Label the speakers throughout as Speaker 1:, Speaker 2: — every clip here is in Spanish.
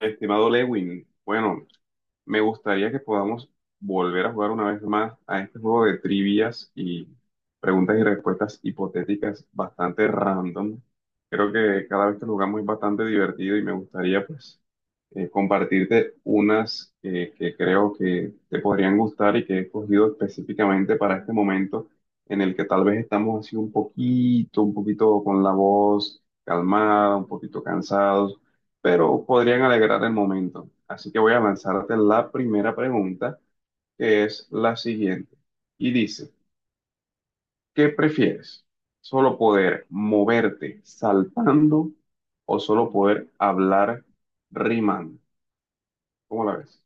Speaker 1: Estimado Lewin, bueno, me gustaría que podamos volver a jugar una vez más a este juego de trivias y preguntas y respuestas hipotéticas bastante random. Creo que cada vez que lo jugamos es bastante divertido y me gustaría pues compartirte unas que creo que te podrían gustar y que he escogido específicamente para este momento en el que tal vez estamos así un poquito con la voz calmada, un poquito cansados pero podrían alegrar el momento. Así que voy a lanzarte la primera pregunta, que es la siguiente. Y dice, ¿qué prefieres? ¿Solo poder moverte saltando o solo poder hablar rimando? ¿Cómo la ves?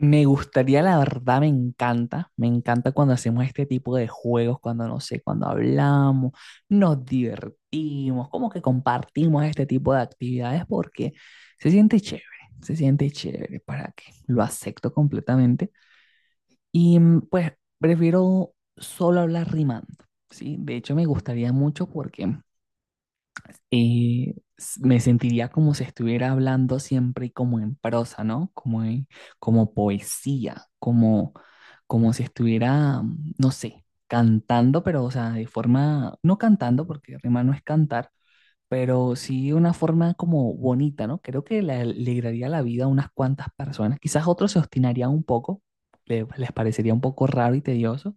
Speaker 2: Me gustaría, la verdad, me encanta cuando hacemos este tipo de juegos, cuando no sé, cuando hablamos, nos divertimos, como que compartimos este tipo de actividades porque se siente chévere, se siente chévere, ¿para que? Lo acepto completamente y pues prefiero solo hablar rimando, ¿sí? De hecho, me gustaría mucho porque me sentiría como si estuviera hablando siempre como en prosa, ¿no? Como poesía, como, como si estuviera, no sé, cantando, pero o sea, de forma, no cantando, porque rima no es cantar, pero sí una forma como bonita, ¿no? Creo que le alegraría la vida a unas cuantas personas. Quizás otros se obstinarían un poco, les parecería un poco raro y tedioso,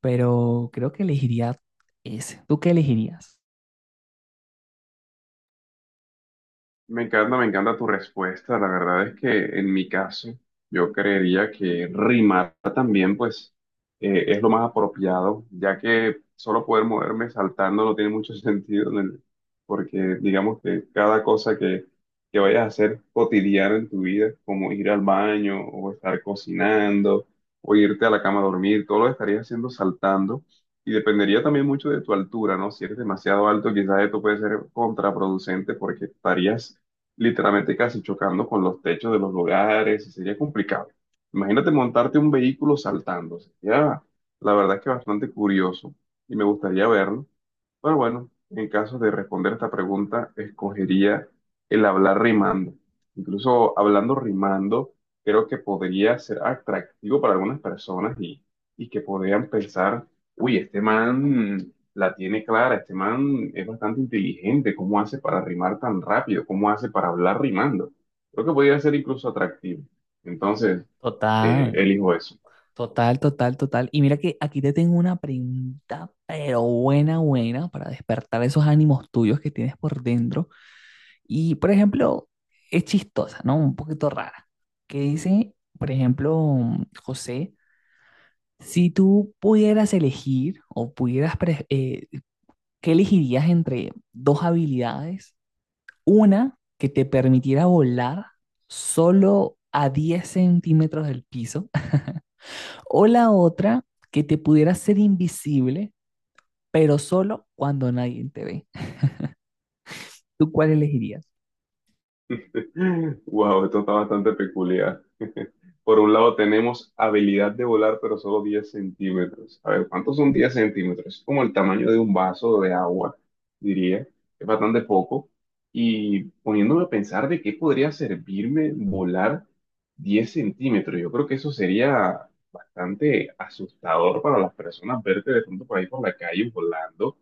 Speaker 2: pero creo que elegiría ese. ¿Tú qué elegirías?
Speaker 1: Me encanta tu respuesta. La verdad es que en mi caso, yo creería que rimar también, pues, es lo más apropiado, ya que solo poder moverme saltando no tiene mucho sentido, porque digamos que cada cosa que vayas a hacer cotidiana en tu vida, como ir al baño o estar cocinando o irte a la cama a dormir, todo lo estarías haciendo saltando. Y dependería también mucho de tu altura, ¿no? Si eres demasiado alto, quizás esto puede ser contraproducente porque estarías literalmente casi chocando con los techos de los lugares, y sería complicado. Imagínate montarte un vehículo saltando, sería la verdad que bastante curioso y me gustaría verlo. Pero bueno, en caso de responder esta pregunta, escogería el hablar rimando. Incluso hablando rimando, creo que podría ser atractivo para algunas personas y que podrían pensar, uy, este man la tiene clara. Este man es bastante inteligente. ¿Cómo hace para rimar tan rápido? ¿Cómo hace para hablar rimando? Creo que podría ser incluso atractivo. Entonces,
Speaker 2: Total.
Speaker 1: elijo eso.
Speaker 2: Total, total, total. Y mira que aquí te tengo una pregunta, pero buena, buena, para despertar esos ánimos tuyos que tienes por dentro. Y, por ejemplo, es chistosa, ¿no? Un poquito rara. Que dice, por ejemplo, José, si tú pudieras elegir o pudieras, ¿qué elegirías entre dos habilidades? Una que te permitiera volar solo a 10 cm del piso. O la otra, que te pudieras ser invisible, pero solo cuando nadie te ve. ¿Tú cuál elegirías?
Speaker 1: Wow, esto está bastante peculiar. Por un lado tenemos habilidad de volar, pero solo 10 cm. A ver, ¿cuántos son 10 cm? Es como el tamaño de un vaso de agua, diría. Es bastante poco. Y poniéndome a pensar de qué podría servirme volar 10 cm, yo creo que eso sería bastante asustador para las personas verte de pronto por ahí por la calle volando.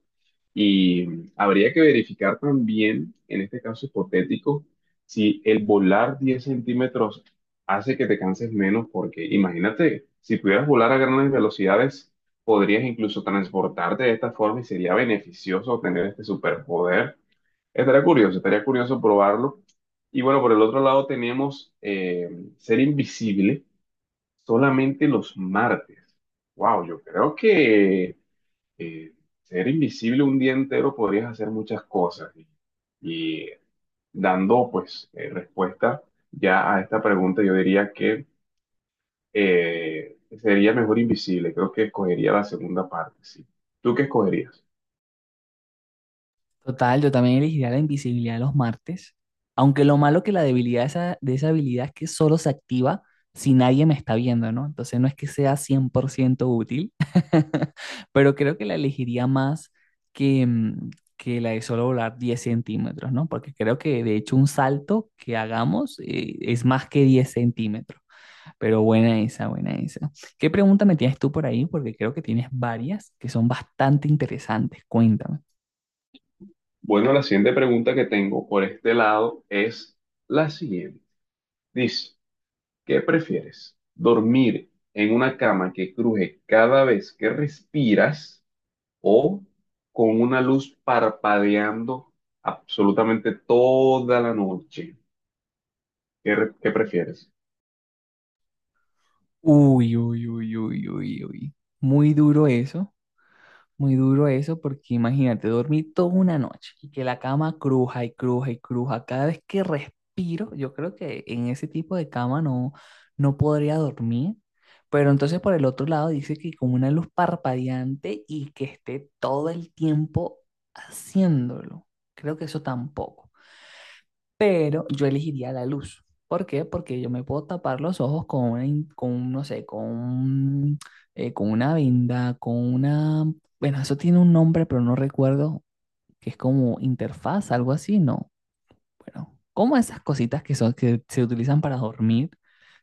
Speaker 1: Y habría que verificar también, en este caso hipotético, si el volar 10 cm hace que te canses menos porque imagínate, si pudieras volar a grandes velocidades, podrías incluso transportarte de esta forma y sería beneficioso tener este superpoder. Estaría curioso probarlo. Y bueno, por el otro lado tenemos ser invisible solamente los martes. Wow, yo creo que eh, ser invisible un día entero podrías hacer muchas cosas. Y dando pues respuesta ya a esta pregunta, yo diría que sería mejor invisible. Creo que escogería la segunda parte, sí. ¿Tú qué escogerías?
Speaker 2: Total, yo también elegiría la invisibilidad de los martes, aunque lo malo que la debilidad de esa habilidad es que solo se activa si nadie me está viendo, ¿no? Entonces no es que sea 100% útil, pero creo que la elegiría más que, mm, que la de solo volar 10 cm, ¿no? Porque creo que de hecho un salto que hagamos, es más que 10 cm. Pero buena esa, buena esa. ¿Qué pregunta me tienes tú por ahí? Porque creo que tienes varias que son bastante interesantes. Cuéntame.
Speaker 1: Bueno, la siguiente pregunta que tengo por este lado es la siguiente. Dice, ¿qué prefieres? ¿Dormir en una cama que cruje cada vez que respiras o con una luz parpadeando absolutamente toda la noche? ¿Qué, re- qué prefieres?
Speaker 2: Uy, uy, uy, uy, uy, uy. Muy duro eso. Muy duro eso, porque imagínate, dormí toda una noche y que la cama cruja y cruja y cruja. Cada vez que respiro, yo creo que en ese tipo de cama no, no podría dormir. Pero entonces por el otro lado dice que con una luz parpadeante y que esté todo el tiempo haciéndolo. Creo que eso tampoco, pero yo elegiría la luz. ¿Por qué? Porque yo me puedo tapar los ojos con una, con, un, no sé, con, un, con una venda, con una, bueno, eso tiene un nombre, pero no recuerdo, que es como interfaz, algo así, ¿no? Bueno, como esas cositas que son, que se utilizan para dormir,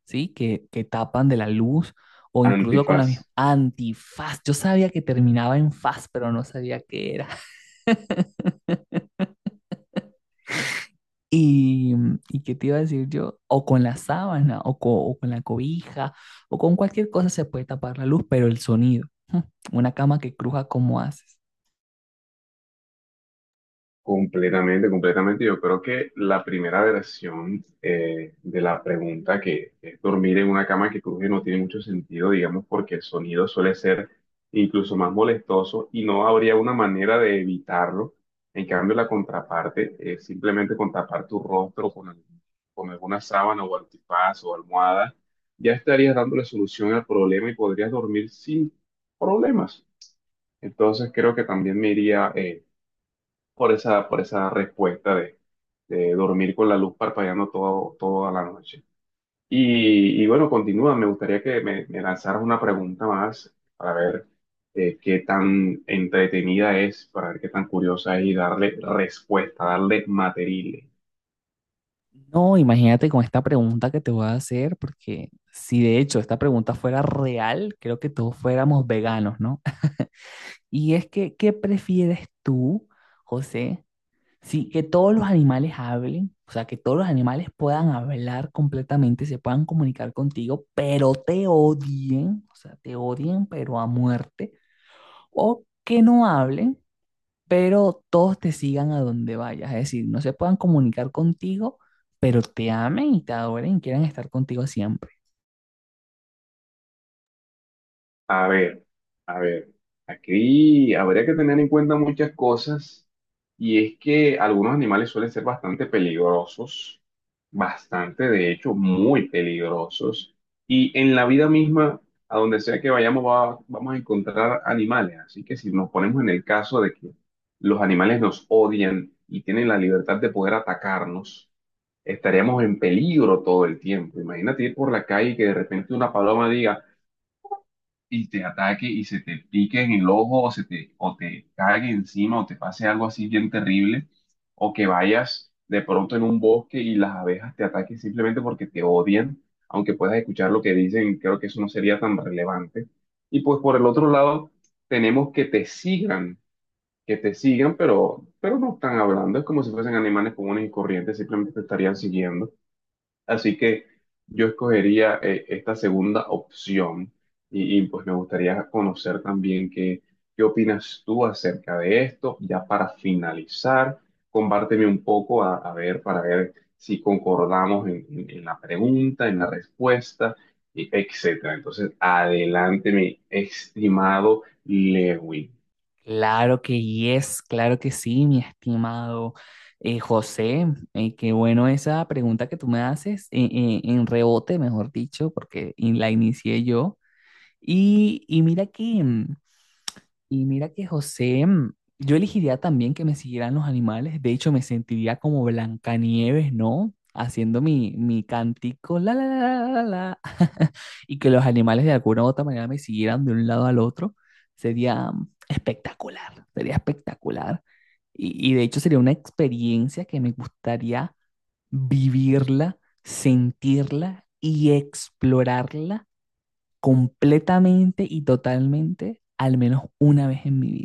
Speaker 2: ¿sí? Que tapan de la luz, o incluso con la
Speaker 1: Antifaz.
Speaker 2: misma antifaz. Yo sabía que terminaba en faz, pero no sabía qué era. Y, ¿y qué te iba a decir yo? O con la sábana, o, o con la cobija, o con cualquier cosa se puede tapar la luz, pero el sonido. Una cama que cruja, ¿cómo haces?
Speaker 1: Completamente, completamente. Yo creo que la primera versión de la pregunta, que es dormir en una cama que cruje, no tiene mucho sentido, digamos, porque el sonido suele ser incluso más molestoso y no habría una manera de evitarlo. En cambio, la contraparte es simplemente con tapar tu rostro con, con alguna sábana o antifaz o almohada, ya estarías dándole solución al problema y podrías dormir sin problemas. Entonces, creo que también me iría por esa respuesta de dormir con la luz parpadeando todo, toda la noche. Y bueno, continúa, me gustaría que me lanzaras una pregunta más para ver qué tan entretenida es, para ver qué tan curiosa es y darle respuesta, darle material.
Speaker 2: No, imagínate con esta pregunta que te voy a hacer, porque si de hecho esta pregunta fuera real, creo que todos fuéramos veganos, ¿no? Y es que, ¿qué prefieres tú, José? Sí, que todos los animales hablen, o sea, que todos los animales puedan hablar completamente, se puedan comunicar contigo, pero te odien, o sea, te odien, pero a muerte, o que no hablen, pero todos te sigan a donde vayas, es decir, no se puedan comunicar contigo, pero te amen y te adoren y quieran estar contigo siempre.
Speaker 1: A ver, a ver, aquí habría que tener en cuenta muchas cosas y es que algunos animales suelen ser bastante peligrosos, bastante, de hecho, muy peligrosos y en la vida misma, a donde sea que vayamos, vamos a encontrar animales. Así que si nos ponemos en el caso de que los animales nos odian y tienen la libertad de poder atacarnos, estaríamos en peligro todo el tiempo. Imagínate ir por la calle y que de repente una paloma diga, y te ataque y se te pique en el ojo o se te, o te cague encima o te pase algo así bien terrible o que vayas de pronto en un bosque y las abejas te ataquen simplemente porque te odian, aunque puedas escuchar lo que dicen, creo que eso no sería tan relevante. Y pues por el otro lado, tenemos que te sigan, pero no están hablando, es como si fuesen animales comunes y corrientes, simplemente te estarían siguiendo. Así que yo escogería esta segunda opción pues me gustaría conocer también qué opinas tú acerca de esto. Ya para finalizar, compárteme un poco a ver, para ver si concordamos en, en la pregunta, en la respuesta, y etcétera. Entonces, adelante, mi estimado Lewin.
Speaker 2: Claro que yes, claro que sí, mi estimado José. Qué bueno esa pregunta que tú me haces, en rebote, mejor dicho, porque la inicié yo. Y mira que José, yo elegiría también que me siguieran los animales. De hecho, me sentiría como Blancanieves, ¿no? Haciendo mi cantico, la, y que los animales de alguna u otra manera me siguieran de un lado al otro. Sería espectacular, sería espectacular. Y de hecho sería una experiencia que me gustaría vivirla, sentirla y explorarla completamente y totalmente, al menos una vez en mi vida.